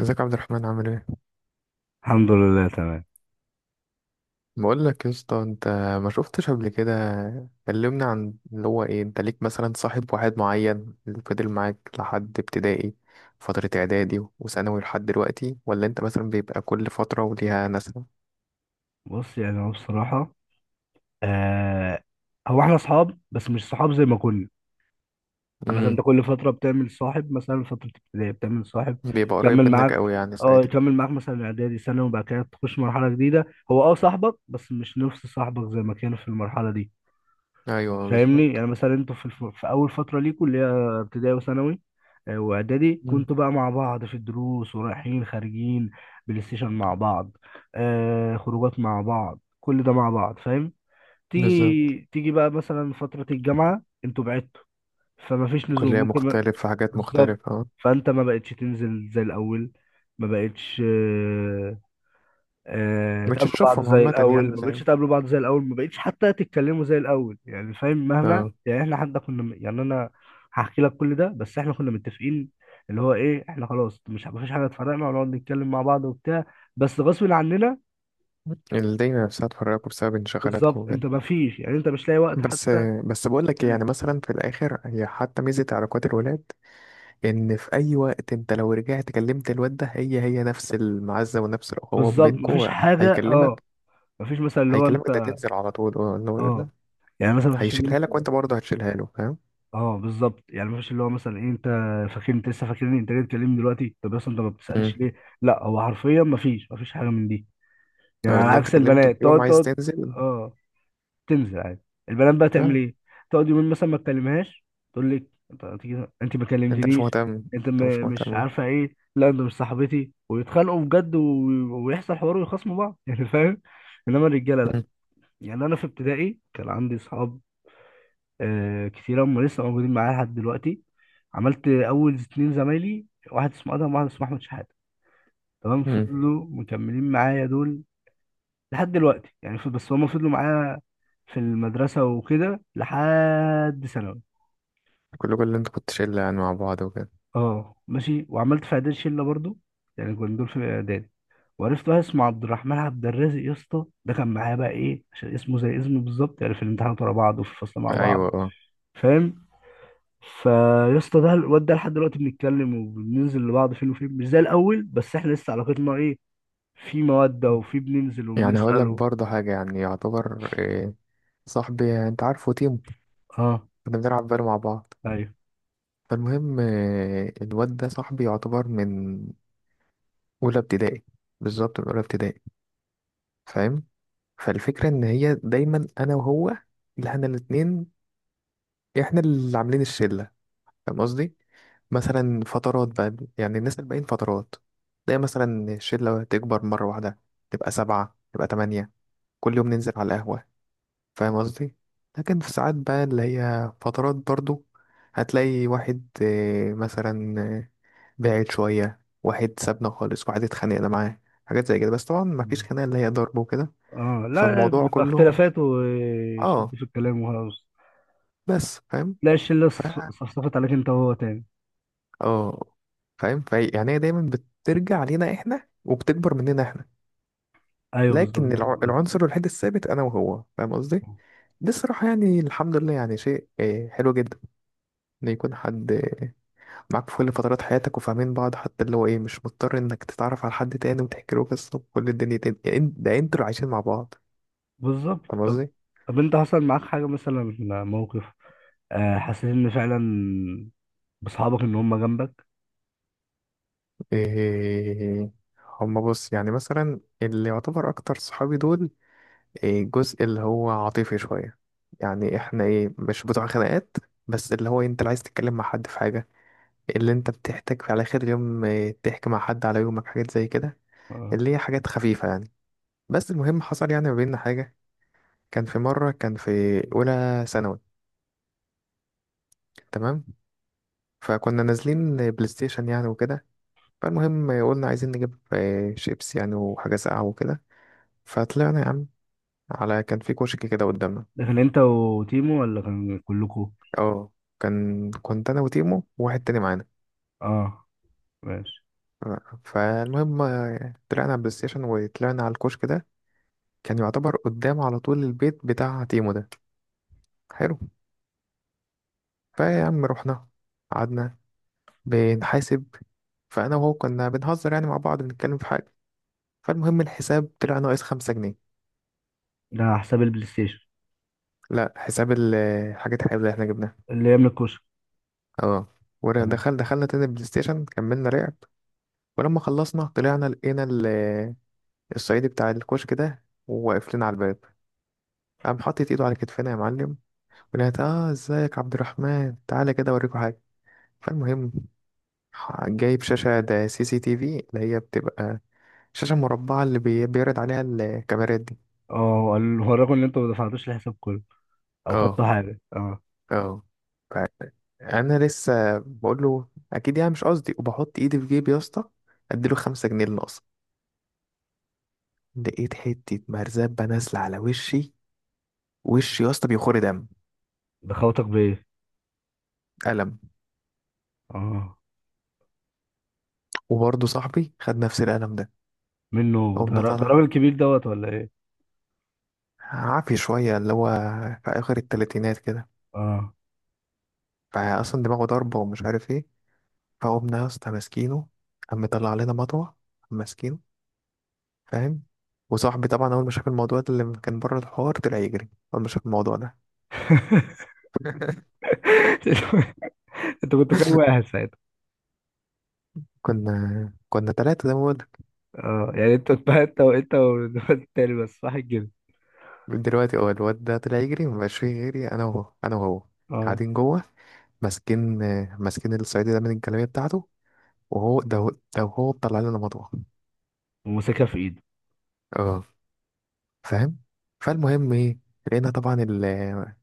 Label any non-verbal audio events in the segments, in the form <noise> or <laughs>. ازيك يا عبد الرحمن، عامل ايه؟ الحمد لله تمام. بقول لك يا اسطى، انت ما شفتش قبل كده كلمنا عن اللي هو ايه، انت ليك مثلا صاحب واحد معين اللي فضل معاك لحد ابتدائي، فترة اعدادي وثانوي لحد دلوقتي، ولا انت مثلا بيبقى كل فترة وليها ناسها؟ بص يعني هو بصراحة آه هو احنا اصحاب بس مش صحاب زي ما كنا. يعني مثلا انت امم كل فترة بتعمل صاحب، مثلا فترة ابتدائي بتعمل صاحب بيبقى قريب يكمل منك معاك. قوي يعني اه ساعتها. يكمل معاك مثلا اعدادي سنة وبعد كده تخش مرحلة جديدة. هو اه صاحبك بس مش نفس صاحبك زي ما كان في المرحلة دي. ايوه، فاهمني؟ بالظبط. يعني مثلا انتوا في اول فتره ليكوا اللي هي ابتدائي وثانوي واعدادي، مم. كنتوا بقى مع بعض في الدروس ورايحين خارجين بلاي ستيشن مع بعض. خروجات مع بعض، كل ده مع بعض، فاهم؟ بالظبط. تيجي بقى مثلا فتره الجامعه انتوا بعدتوا، فما فيش نزول، كلية ممكن ما... مختلفة، حاجات بالظبط. مختلفة. اه. فانت ما بقتش تنزل زي الاول، ما بقتش مش تقابلوا بعض هتشوفهم زي عامة الاول، يعني، ما بقتش زي. تقابلوا بعض زي الاول، ما بقتش حتى تتكلموا زي الاول. يعني فاهم مهما اه. يعني احنا حتى يعني انا هحكي لك كل ده، بس احنا كنا متفقين اللي هو ايه، احنا خلاص مش مفيش حاجه تفرقنا ونقعد نتكلم مع بعض وبتاع، بس غصب عننا. الدنيا نفسها تفرقكوا بسبب انشغالاتكم بالظبط، انت وكده. مفيش يعني انت مش لاقي وقت بس حتى بس بقول لك إيه، يعني تتكلم. مثلا في الاخر هي حتى ميزه علاقات الولاد، ان في اي وقت انت لو رجعت كلمت الواد ده هي نفس المعزه ونفس الاخوه بالظبط، مفيش بينكو. حاجه. اه هيكلمك مفيش مثلا اللي هو هيكلمك ده انت. تنزل على طول. اه، اللي هو يقول اه لك، يعني مثلا مفيش. هيشيلها لك وانت برضه هتشيلها له، فاهم؟ اه بالظبط، يعني مفيش اللي هو مثلا إيه انت فاكر، انت لسه فاكرني، انت جاي تكلمني دلوقتي، طب اصلا انت ما امم بتسالش ليه. لا هو حرفيا مفيش حاجه من دي. يعني على اللي انت عكس كلمته في البنات، يوم تقعد عايز تقعد تنزل. اه تنزل عادي. البنات بقى تعمل اه. ايه؟ تقعد يومين مثلا ما تكلمهاش، تقول لك انت أنت ما انت مش كلمتنيش، مهتم، انت مش مش مهتم. عارفه ايه، لا انت مش صاحبتي، ويتخانقوا بجد ويحصل حوار ويخصموا بعض <laughs> يعني فاهم. انما الرجاله لا. امم يعني انا في ابتدائي كان عندي اصحاب كتير هم لسه موجودين معايا لحد دلوقتي. عملت اول اتنين زمايلي، واحد اسمه ادهم واحد اسمه احمد شحاته، تمام، امم فضلوا مكملين معايا دول لحد دلوقتي. يعني بس هم فضلوا معايا في المدرسه وكده لحد ثانوي. كل اللي انت كنت شله يعني مع بعض وكده. اه ماشي. وعملت في اعدادي شله برضو، يعني كنا دول في اعدادي، وعرفت واحد اسمه عبد الرحمن عبد الرازق. يا اسطى، ده كان معايا بقى ايه عشان اسمه زي اسمه بالظبط، يعني في الامتحانات ورا بعض وفي الفصل مع بعض، ايوه، اه. فاهم. فيا اسطى ده الواد ده لحد دلوقتي بنتكلم وبننزل لبعض فين وفين، مش زي الاول، بس احنا لسه علاقتنا ايه، في مودة، وفي بننزل يعني هقول لك وبنسأله. برضه حاجه يعني، يعتبر إيه، صاحبي، انت عارفه تيمو؟ اه. كنا بنلعب فالو مع بعض. ايوه. فالمهم، الواد ده صاحبي يعتبر من أولى ابتدائي. بالظبط، من أولى ابتدائي، فاهم؟ فالفكرة إن هي دايما أنا وهو، اللي احنا الاتنين، احنا اللي عاملين الشلة، فاهم قصدي؟ مثلا فترات بقى يعني، الناس الباقيين فترات، تلاقي مثلا الشلة تكبر مرة واحدة، تبقى سبعة، تبقى تمانية، كل يوم ننزل على القهوة، فاهم قصدي؟ لكن في ساعات بقى اللي هي فترات برضو هتلاقي واحد، مثلا بعيد شوية، واحد سابنا خالص، واحد اتخانقنا معاه، حاجات زي كده، بس طبعا مفيش مم. خناقة اللي هي ضرب وكده. اه لا، فالموضوع بيبقى كله، اختلافات وشد اه، في الكلام وخلاص. بس فاهم. لا، الشلة ف صفصفت عليك انت وهو تاني. اه. فاهم. يعني هي دايما بترجع علينا احنا وبتكبر مننا احنا. ايوه بالظبط. لكن العنصر الوحيد الثابت انا وهو، فاهم قصدي؟ دي الصراحة يعني الحمد لله، يعني شيء حلو جدا. ان يكون حد معاك في كل فترات حياتك وفاهمين بعض، حتى اللي هو ايه، مش مضطر انك تتعرف على حد تاني وتحكي له قصة وكل الدنيا تاني يعني، ده انتوا اللي عايشين مع بعض، بالظبط. فاهم طب، قصدي؟ طب انت حصل معاك حاجة مثلا، موقف حسيت ان فعلا بصحابك ان هم جنبك؟ إيه، هما بص يعني مثلا اللي يعتبر أكتر صحابي دول، إيه، الجزء اللي هو عاطفي شوية. يعني إحنا إيه، مش بتوع خناقات. بس اللي هو أنت اللي عايز تتكلم مع حد في حاجة، اللي أنت بتحتاج على آخر اليوم إيه، تحكي مع حد على يومك، حاجات زي كده، اه. اللي هي حاجات خفيفة يعني. بس المهم، حصل يعني ما بيننا حاجة. كان في مرة، كان في أولى ثانوي، تمام؟ فكنا نازلين بلاي ستيشن يعني وكده. فالمهم، قلنا عايزين نجيب إيه، شيبس يعني وحاجة ساقعة وكده. فطلعنا يا عم، على كان في كشك كده قدامنا. ده كان انت وتيمو ولا كان كلكوا؟ اه، كنت انا وتيمو وواحد تاني معانا. اه ماشي. فالمهم، طلعنا على البلاي ستيشن، وطلعنا على الكشك ده. كان يعتبر قدام على طول البيت بتاع تيمو ده. حلو. فيا عم رحنا، قعدنا بنحاسب. فانا وهو كنا بنهزر يعني مع بعض، بنتكلم في حاجه. فالمهم الحساب طلع ناقص 5 جنيه. ده على حساب البلاي ستيشن؟ لا، حساب حاجة حلوة اللي احنا جبناها. اللي يملك كشك؟ اه. تمام. دخلنا تاني البلاي ستيشن، كملنا لعب. ولما خلصنا طلعنا، لقينا الصعيدي بتاع الكشك ده وواقف لنا على الباب. قام حاطط ايده على كتفنا، يا معلم. ولقيت ازيك عبد الرحمن، تعالى كده اوريكوا حاجه. فالمهم جايب شاشه، ده سي سي تي في، اللي هي بتبقى شاشه مربعه اللي بيعرض عليها الكاميرات دي. اه قال له، هو الرقم اللي انت ما دفعتوش الحساب كله او اه، خدته حاجه؟ اه. اه. فانا لسه بقول له اكيد يعني مش قصدي، وبحط ايدي في جيبي يا اسطى اديله 5 جنيه اللي ناقصه. لقيت حته مرزبه نازله على وشي. وشي يا اسطى بيخور دم. ده خوتك بايه؟ قلم. اه. وبرضه صاحبي خد نفس القلم ده. منه؟ قمنا ده طالع، راجل كبير دوت ولا ايه؟ عافي شوية، اللي هو في آخر التلاتينات كده. اه فأصلا دماغه ضربة ومش عارف ايه. فقمنا يا اسطى ماسكينه. قام مطلع علينا مطوة. قام ماسكينه، فاهم؟ وصاحبي طبعا أول ما شاف الموضوع ده اللي كان بره الحوار طلع يجري. أول ما شاف الموضوع ده، <laughs> انت كنت كام واحد ساعتها؟ كنا تلاتة زي ما بقولك اه يعني انت <laughs> انت وانت والواد التاني بس صح كده؟ دلوقتي. اه الواد ده طلع يجري، مبقاش فيه غيري أنا وهو، أنا وهو اه. قاعدين جوه. ماسكين ماسكين الصعيدي ده من الجلابية بتاعته. وهو ده، وهو مطلع لنا مطوة. ومسكها في ايده؟ اه، فاهم. فالمهم ايه، لقينا طبعا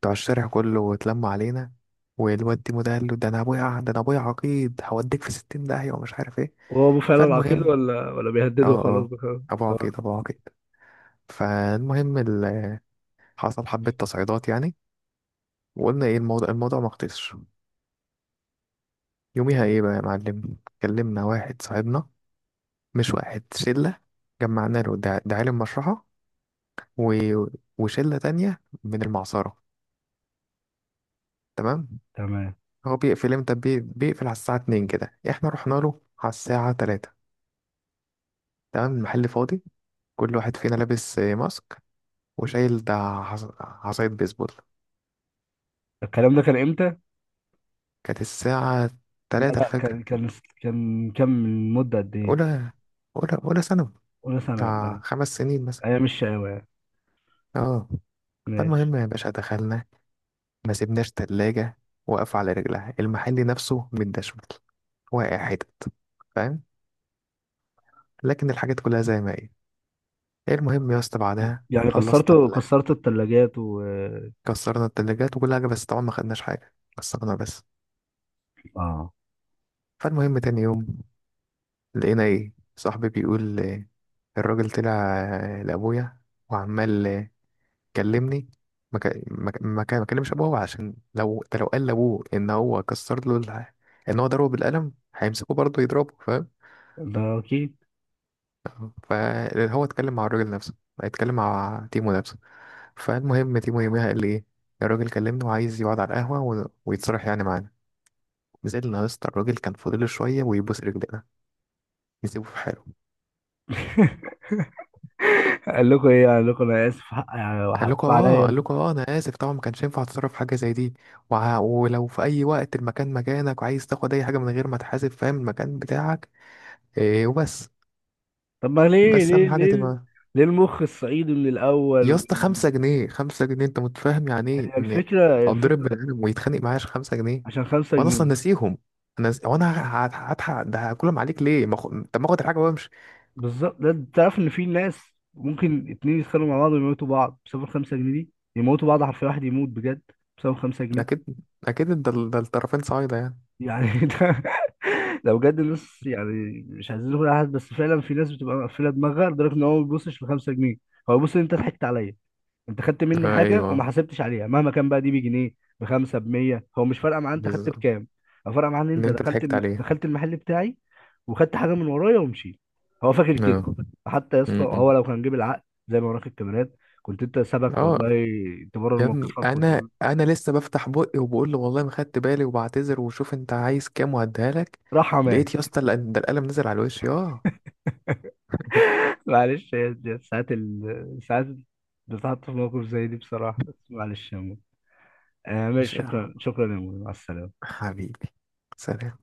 بتوع الشارع كله واتلموا علينا. والواد ديمو ده قال له ده انا ابويا عقيد، هوديك في 60 داهية ومش عارف ايه. هو ابوه فعلا عقيد فالمهم ولا اه بيهدده وخلاص اه، بخلاص؟ ابو اه عقيد، ابو عقيد. فالمهم حصل حبة تصعيدات يعني. وقلنا ايه الموضوع، الموضوع ما خلصش. يوميها ايه بقى يا معلم، كلمنا واحد صاحبنا، مش واحد، شلة. جمعنا له ده، عالم مشرحة، و... وشلة تانية من المعصرة، تمام. تمام. هو بيقفل امتى؟ بيقفل على الساعة 2 كده، احنا رحنا له على الساعة 3. تمام المحل فاضي. كل واحد فينا لابس ماسك، وشايل ده عصاية بيسبول. الكلام ده كان امتى؟ كانت الساعة لا 3 لا، الفجر. كان كان من مده قد ايه؟ أولى، أولى ثانوي، اولى ثانوي؟ بتاع 5 سنين مثلا. هي مش شقاوة يعني. اه. ماشي. فالمهم يا باشا دخلنا، ما سيبناش تلاجة واقفة على رجلها، المحل نفسه متدشمل واقع حتت، فاهم. لكن الحاجات كلها زي ما هي. المهم يا اسطى بعدها يعني كسرتوا خلصنا. كسرتوا الثلاجات و... كسرنا التلاجات وكل حاجة، بس طبعا ما خدناش حاجة، كسرنا بس. اه فالمهم تاني يوم لقينا ايه، صاحبي بيقول الراجل طلع، لأبويا وعمال كلمني. ما كلمش أبوه عشان لو ده، لو قال لأبوه إن هو كسر له إن هو ضربه بالقلم هيمسكه برضه يضربه، فاهم. ده اكيد. فهو اتكلم مع الراجل نفسه، اتكلم مع تيمو نفسه. فالمهم تيمو يوميها قال لي ايه، الراجل كلمني وعايز يقعد على القهوة ويتصالح يعني معانا. نزلنا يا اسطى، الراجل كان فاضل شويه ويبوس رجلنا نسيبه في حاله. قال لكم ايه؟ قال لكم انا اسف، حق يعني وحقكم قال عليا؟ لكم اه انا اسف، طبعا ما كانش ينفع اتصرف في حاجه زي دي. ولو في اي وقت المكان مكانك، وعايز تاخد اي حاجه من غير ما تحاسب، فاهم، المكان بتاعك. إيه وبس. طب ما ليه، بس اهم ليه حاجه ليه تبقى. ليه المخ الصعيدي من الاول يا اسطى 5 جنيه، 5 جنيه، انت متفاهم يعني ايه هي ان الفكره اتضرب الفكره بني ادم ويتخانق معايا عشان 5 جنيه؟ عشان خمسة وانا اصلا جنيه. ناسيهم. انا ز- وانا ه- ه- هضحك، ده هاكلهم عليك ليه؟ ما خ... طب ما اخد الحاجه وامشي. بالظبط. ده تعرف ان في ناس ممكن اتنين يتخانقوا مع بعض ويموتوا بعض بسبب الخمسة جنيه دي، يموتوا بعض حرفيا، واحد يموت بجد بسبب خمسة جنيه. اكيد، اكيد. ده ده الطرفين صعيده يعني. يعني <laughs> ده لو بجد الناس، يعني مش عايزين نقول على حد، بس فعلا في ناس بتبقى مقفله دماغها لدرجه ان هو ما بيبصش ل 5 جنيه، هو بيبص ان انت ضحكت عليا، انت خدت مني آه، حاجه وما ايوه، حسبتش عليها، مهما كان بقى، دي بجنيه بخمسه ب 100، هو مش فارقه معاه انت خدت بالظبط. بكام، هو فارقه معاه ان ان انت انت ضحكت عليه. دخلت المحل بتاعي وخدت حاجه من ورايا ومشيت، هو فاكر كده. اه. حتى يا اسطى م-م. هو لو كان جيب العقل زي ما وراك الكاميرات، كنت انت سبك اه، والله تبرر يا ابني، موقفك انا وتقول. انا لسه بفتح بقي وبقول له والله ما خدت بالي، وبعتذر وشوف انت عايز كام وهديها لك. راح. لقيت يا اسطى ده القلم نزل على الوش. اه. معلش، هي دي ساعات بتحط في موقف زي دي بصراحة، بس معلش يا مو. آه ماشي، مش- آه، شكرا شكرا يا مو، مع السلامة. حبيبي، سلام.